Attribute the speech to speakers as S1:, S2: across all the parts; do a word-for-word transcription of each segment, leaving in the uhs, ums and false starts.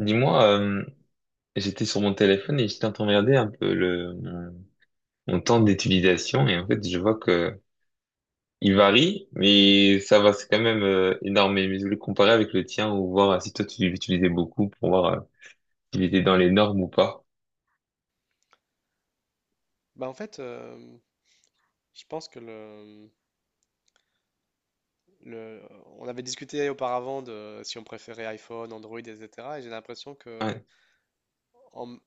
S1: Dis-moi, euh, J'étais sur mon téléphone et j'étais en train de regarder un peu le, mon, mon temps d'utilisation et en fait je vois que il varie, mais ça va, c'est quand même euh, énorme. Mais je voulais comparer avec le tien ou voir si toi tu l'utilisais beaucoup pour voir euh, s'il était dans les normes ou pas.
S2: Bah en fait, euh, je pense que le, le, on avait discuté auparavant de si on préférait iPhone, Android, et cetera. Et j'ai l'impression que
S1: Ouais,
S2: en,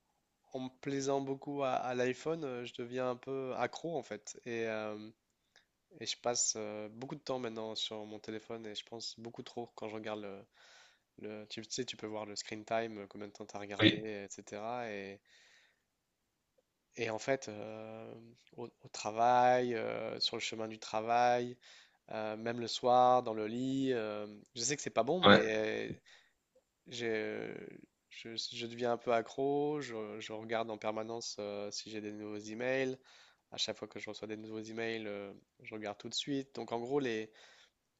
S2: en me plaisant beaucoup à, à l'iPhone, euh, je deviens un peu accro en fait. Et, euh, et je passe euh, beaucoup de temps maintenant sur mon téléphone et je pense beaucoup trop quand je regarde le, le- tu sais, tu peux voir le screen time, euh, combien de temps t'as regardé,
S1: oui,
S2: et cetera. Et, et en fait, euh, au, au travail, euh, sur le chemin du travail, euh, même le soir, dans le lit. Euh, je sais que c'est pas bon,
S1: ouais,
S2: mais euh, j'ai- je, je deviens un peu accro. Je, je regarde en permanence euh, si j'ai des nouveaux emails. À chaque fois que je reçois des nouveaux emails, euh, je regarde tout de suite. Donc, en gros, les,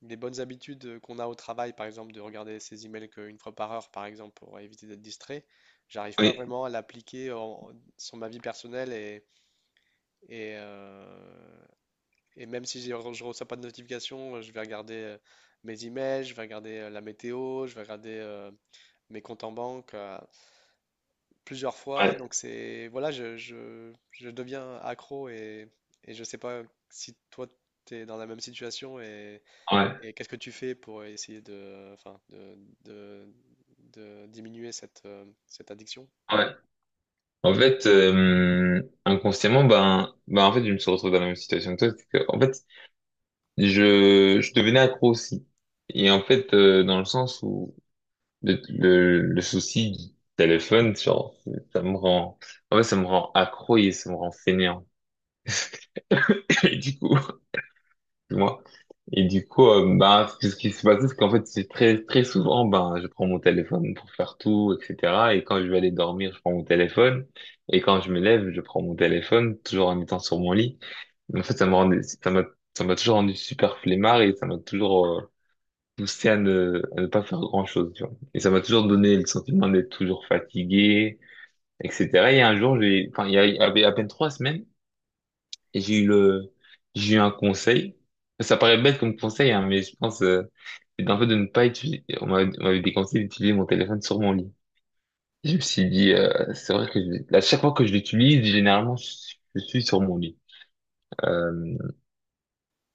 S2: les bonnes habitudes qu'on a au travail, par exemple, de regarder ses emails qu'une fois par heure, par exemple, pour éviter d'être distrait, j'arrive pas
S1: oui,
S2: vraiment à l'appliquer en- sur ma vie personnelle et, et, euh, et même si j'ai je reçois pas de notification, euh, je vais regarder euh, mes emails, je vais regarder euh, la météo, je vais regarder euh, mes comptes en banque euh, plusieurs fois. Donc
S1: ouais,
S2: c'est voilà, je, je- je deviens accro et, et je sais pas si toi tu es dans la même situation et,
S1: ouais,
S2: et qu'est-ce que tu fais pour essayer de, enfin, de, de- de diminuer cette, euh, cette addiction?
S1: ouais. En fait, euh, inconsciemment, ben, ben en fait je me suis retrouvé dans la même situation que toi, c'est que en fait je, je devenais accro aussi. Et en fait, euh, dans le sens où Le, le, le souci du téléphone, genre, ça me rend, en fait, ça me rend accro et ça me rend fainéant. Et du coup, moi, et du coup, euh, ben, ce qui se passe, c'est qu'en fait, c'est très, très souvent, ben, je prends mon téléphone pour faire tout, et cetera. Et quand je vais aller dormir, je prends mon téléphone. Et quand je me lève, je prends mon téléphone, toujours en étant sur mon lit. Mais en fait, ça me rend, ça m'a, ça m'a toujours rendu super flemmard et ça m'a toujours, euh, poussé à ne, à ne pas faire grand-chose, tu vois. Et ça m'a toujours donné le sentiment d'être toujours fatigué, et cetera. Et un jour, j'ai, enfin, il y a- il y avait à peine trois semaines, et j'ai eu le, j'ai eu un conseil. Ça paraît bête comme conseil, hein, mais je pense, euh, c'est un peu de ne pas utiliser, on m'avait on m'avait déconseillé d'utiliser mon téléphone sur mon lit. Et je me suis dit, euh, c'est vrai que je- à chaque fois que je l'utilise, généralement, je, suis je suis sur mon lit. Euh,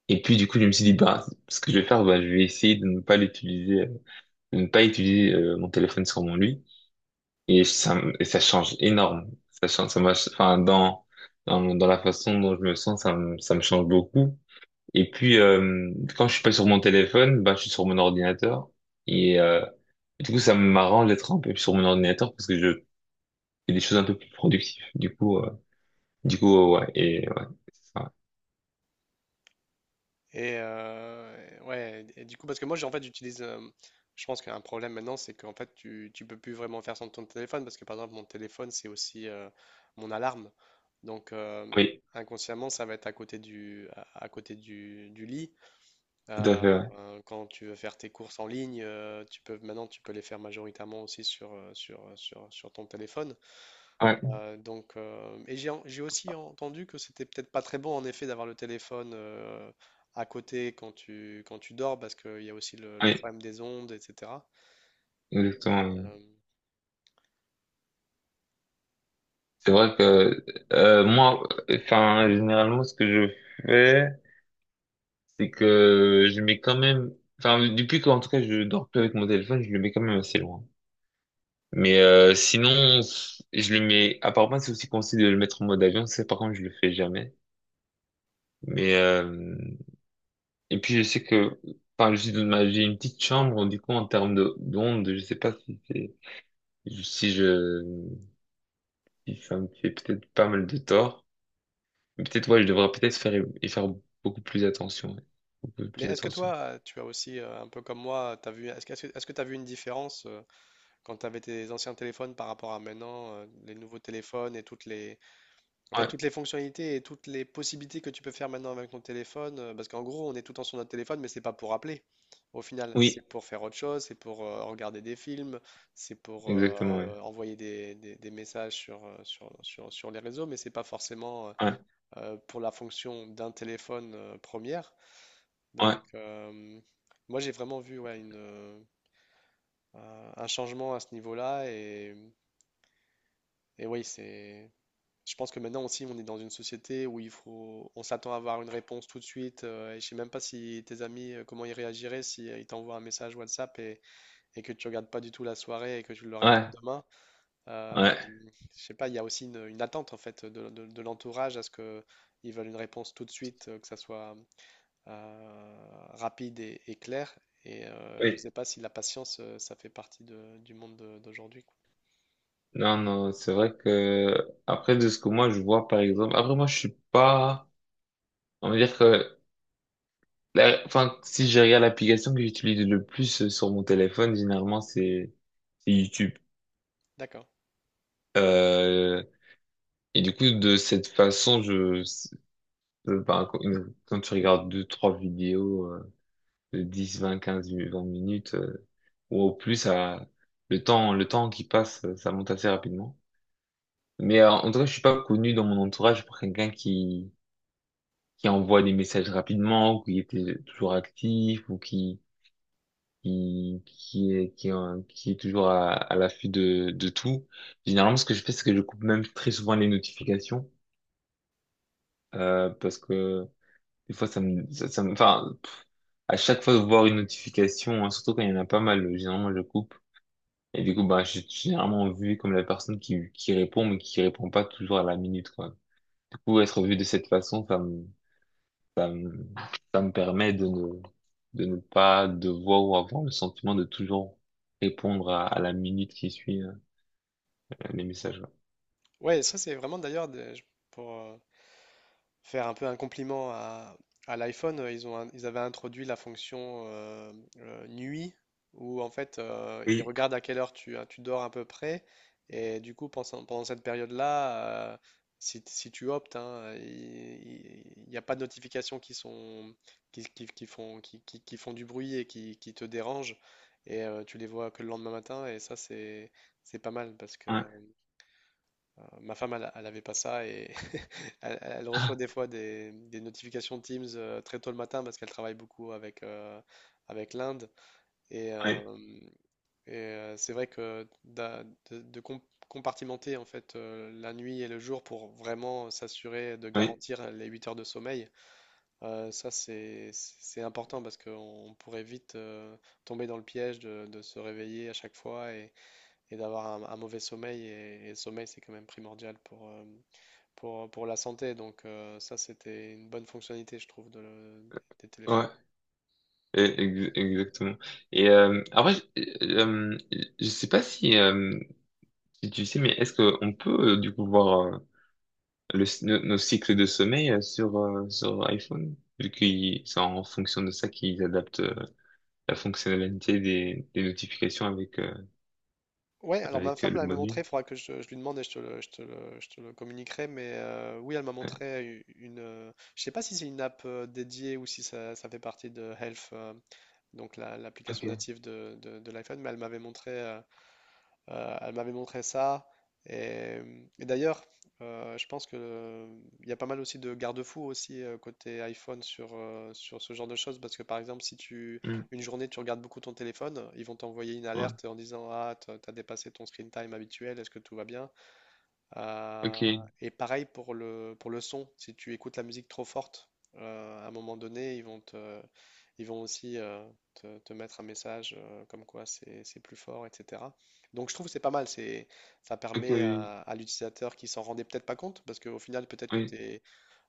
S1: et puis, du coup, je me suis dit, bah, ce que je vais faire, bah, je vais essayer de ne pas l'utiliser, euh, de ne pas utiliser, euh, mon téléphone sur mon lit. Et ça, me- et ça change énorme. Ça change, ça m'a, enfin, dans, dans, dans la façon dont je me sens, ça me, ça me change beaucoup. Et puis, euh, quand je suis pas sur mon téléphone, bah je suis sur mon ordinateur. Et, euh, du coup, ça m'arrange d'être un peu sur mon ordinateur parce que je fais des choses un peu plus productives. Du coup, euh, du coup, euh, ouais, et, ouais, c'est ça.
S2: Et euh, ouais, et du coup, parce que moi, j'ai- en fait, j'utilise. Euh, je pense qu'un problème maintenant, c'est qu'en fait, tu, tu peux plus vraiment faire sans ton téléphone, parce que par exemple, mon téléphone, c'est aussi euh, mon alarme. Donc, euh,
S1: Oui,
S2: inconsciemment, ça va être à côté du, à, à côté du, du lit.
S1: tout à
S2: Euh,
S1: fait, ouais.
S2: euh, Quand tu veux faire tes courses en ligne, euh, tu peux, maintenant, tu peux les faire majoritairement aussi sur, euh, sur, sur, sur ton téléphone.
S1: Ouais,
S2: Euh, donc, euh, et j'ai en- j'ai aussi entendu que c'était peut-être pas très bon en effet d'avoir le téléphone euh, à côté quand tu, quand tu dors parce qu'il y a aussi le, le
S1: oui,
S2: problème des ondes, et cetera. Et,
S1: exactement. Oui.
S2: euh,
S1: C'est vrai que, euh, moi, enfin, généralement, ce que je fais, c'est que je mets quand même, enfin, depuis qu'en tout cas je dors plus avec mon téléphone, je le mets quand même assez loin. Mais euh, sinon, je le mets, apparemment c'est aussi conseillé de le mettre en mode avion, ça par contre je le fais jamais. Mais euh, et puis je sais que, enfin je suis dans ma, j'ai une petite chambre, du coup en termes de d'ondes, je sais pas si c'est, si je, si ça me fait peut-être pas mal de tort. Mais peut-être ouais, je devrais peut-être faire y faire beaucoup plus attention, ouais. Beaucoup
S2: mais
S1: plus
S2: est-ce que
S1: attention.
S2: toi, tu as aussi euh, un peu comme moi, t'as vu, est-ce que, est-ce que tu as vu une différence euh, quand tu avais tes anciens téléphones par rapport à maintenant, euh, les nouveaux téléphones et toutes les, en fait,
S1: Ouais,
S2: toutes les fonctionnalités et toutes les possibilités que tu peux faire maintenant avec ton téléphone, euh, parce qu'en gros, on est tout le temps sur notre téléphone, mais c'est pas pour appeler. Au final,
S1: oui,
S2: c'est pour faire autre chose, c'est pour euh, regarder des films, c'est pour
S1: exactement, ouais.
S2: euh, envoyer des, des- des messages sur, euh, sur, sur- sur les réseaux, mais c'est pas forcément euh,
S1: Ouais,
S2: euh, pour la fonction d'un téléphone euh, première.
S1: ouais,
S2: Donc, euh, Moi, j'ai vraiment vu, ouais, une, euh, un un changement à ce niveau-là, et, et oui, c'est. Je pense que maintenant aussi, on est dans une société où il faut, on s'attend à avoir une réponse tout de suite. Euh, et je sais même pas si tes amis, euh, comment ils réagiraient si euh, ils t'envoient un message WhatsApp et, et que tu regardes pas du tout la soirée et que tu leur réponds
S1: ouais.
S2: demain. Euh,
S1: Ouais.
S2: je sais pas, il y a aussi une, une attente en fait de, de- de l'entourage à ce que ils veulent une réponse tout de suite, euh, que ça soit euh, rapide et, et clair. Et euh, je
S1: Oui.
S2: sais pas si la patience, euh, ça fait partie de- du monde de- d'aujourd'hui, quoi.
S1: Non, non, c'est vrai que après de ce que moi je vois par exemple, après moi je suis pas, on va dire que, la- enfin si je regarde l'application que j'utilise le plus euh, sur mon téléphone, généralement c'est c'est YouTube.
S2: D'accord.
S1: Euh, et du coup de cette façon, je, je- ben, quand quand tu regardes deux trois vidéos euh, de dix, vingt, quinze, vingt minutes euh, ou au plus, ça, le temps le temps qui passe, ça monte assez rapidement. Mais euh, en tout cas, je suis pas connu dans mon entourage pour quelqu'un qui qui envoie des messages rapidement, ou qui était toujours actif, ou qui, qui, qui est, qui est, en- qui est toujours à, à l'affût de, de tout. Généralement, ce que je fais, c'est que je coupe même très souvent les notifications, euh, parce que des fois, ça me, ça, ça me, enfin, pff, à chaque fois de voir une notification, hein, surtout quand il y en a pas mal, euh, généralement, je coupe. Et du coup, bah, je suis généralement vu comme la personne qui, qui répond, mais qui répond pas toujours à la minute, quoi. Du coup, être vu de cette façon, ça me, Ça me, ça me permet de ne, de ne pas devoir ou avoir le sentiment de toujours répondre à, à la minute qui suit euh, les messages. Ouais.
S2: Ouais, ça c'est vraiment d'ailleurs des- je- pour euh, faire un peu un compliment à, à l'iPhone, euh, ils ont, un- ils avaient introduit la fonction euh, euh, nuit où en fait euh, ils
S1: Oui,
S2: regardent à quelle heure tu, euh, tu dors à peu près et du coup pendant, pendant cette période-là, euh, si, si tu optes, hein, il n'y a pas de notifications qui sont qui, qui- qui font qui, qui- qui font du bruit et qui, qui te dérangent et euh, tu les vois que le lendemain matin et ça c'est c'est pas mal parce que
S1: ouais,
S2: ma femme, elle, elle avait pas ça, et elle, elle reçoit
S1: ah,
S2: des fois des, des notifications Teams euh, très tôt le matin parce qu'elle travaille beaucoup avec, euh, avec l'Inde. Et, euh,
S1: ouais,
S2: et, euh, c'est vrai que d'a- de, de com- compartimenter en fait euh, la nuit et le jour pour vraiment s'assurer de
S1: ouais,
S2: garantir les huit heures de sommeil, euh, ça c'est c'est- c'est important parce qu'on pourrait vite euh, tomber dans le piège de, de se réveiller à chaque fois et, et d'avoir un, un mauvais sommeil. Et, et le sommeil, c'est quand même primordial pour, euh, pour, pour la santé. Donc euh, ça, c'était une bonne fonctionnalité, je trouve, de le- des téléphones.
S1: ouais, e- ex- exactement. Et euh, après, je, euh, je sais pas si, euh, si tu sais, mais est-ce qu'on peut euh, du coup voir euh, le, nos, nos cycles de sommeil euh, sur, euh, sur iPhone, vu que c'est en fonction de ça qu'ils adaptent euh, la fonctionnalité des, des notifications avec, euh,
S2: Ouais, alors ma
S1: avec euh,
S2: femme
S1: le
S2: l'avait
S1: mode
S2: montré,
S1: nuit.
S2: il faudra que je, je lui demande et je te le, je te le- je te le communiquerai. Mais euh, oui, elle m'a
S1: Ouais.
S2: montré u- une... euh, je sais pas si c'est une app euh, dédiée ou si ça, ça fait partie de Health, euh, donc la- l'application
S1: Ok.
S2: native de, de- de l'iPhone, mais elle m'avait montré, euh, Euh, elle m'avait montré ça. Et, et d'ailleurs, euh, je pense que euh, il y a pas mal aussi de garde-fous aussi euh, côté iPhone sur, euh, sur ce genre de choses. Parce que par exemple, si tu
S1: Mm.
S2: une journée tu regardes beaucoup ton téléphone, ils vont t'envoyer une
S1: Ouais.
S2: alerte en disant: ah, t'as t'as dépassé ton screen time habituel, est-ce que tout va bien? Euh,
S1: Ok.
S2: et pareil pour le, pour le son, si tu écoutes la musique trop forte, euh, à un moment donné, ils vont te, ils vont aussi euh, te, te mettre un message euh, comme quoi c'est c'est plus fort, et cetera. Donc je trouve que c'est pas mal, c'est, ça
S1: Ok,
S2: permet
S1: oui.
S2: à, à l'utilisateur qui s'en rendait peut-être pas compte, parce qu'au final, peut-être que tu
S1: Oui.
S2: es,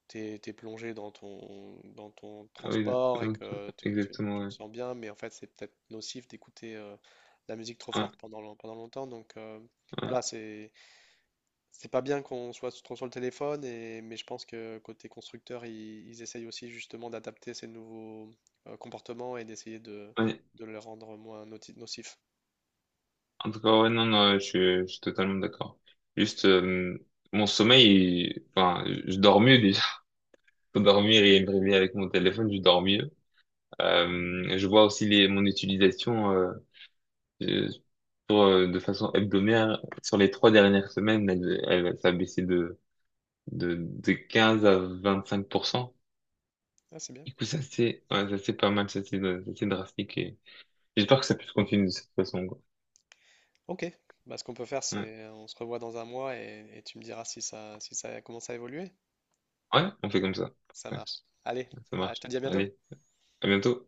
S2: t'es, t'es- t'es plongé dans ton, dans ton
S1: Oui,
S2: transport et
S1: exactement,
S2: que tu, tu-
S1: exactement,
S2: tu te
S1: ouais.
S2: sens bien, mais en fait, c'est peut-être nocif d'écouter euh, la musique trop
S1: Ouais,
S2: forte pendant, long- pendant longtemps. Donc euh,
S1: ouais,
S2: voilà, c'est c'est pas bien qu'on soit trop sur le téléphone, et, mais je pense que côté constructeur, ils, ils essayent aussi justement d'adapter ces nouveaux euh, comportements et d'essayer de,
S1: ouais.
S2: de le rendre moins noti- nocif.
S1: En tout cas, ouais, non, non, je suis, je suis totalement d'accord. Juste, euh, mon sommeil, il- enfin, je dors mieux déjà. Pour dormir et me réveiller avec mon téléphone, je dors mieux. Euh, je vois aussi les, mon utilisation, euh, Euh, sur, euh, de façon hebdomadaire, sur les trois dernières semaines, elle, elle, ça a baissé de, de, de quinze à vingt-cinq pour cent.
S2: Ah, c'est bien.
S1: Du coup, ça c'est, ouais, ça c'est pas mal, ça c'est, ça c'est drastique et j'espère que ça puisse continuer de cette façon, quoi.
S2: Ok. Bah, ce qu'on peut faire,
S1: Ouais.
S2: c'est euh, on se revoit dans un mois et, et tu me diras si ça, si ça commence à évoluer.
S1: Ouais, on fait comme ça.
S2: Ça
S1: Ouais,
S2: marche. Allez,
S1: ça
S2: ah, je te
S1: marche.
S2: dis à bientôt.
S1: Allez, à bientôt.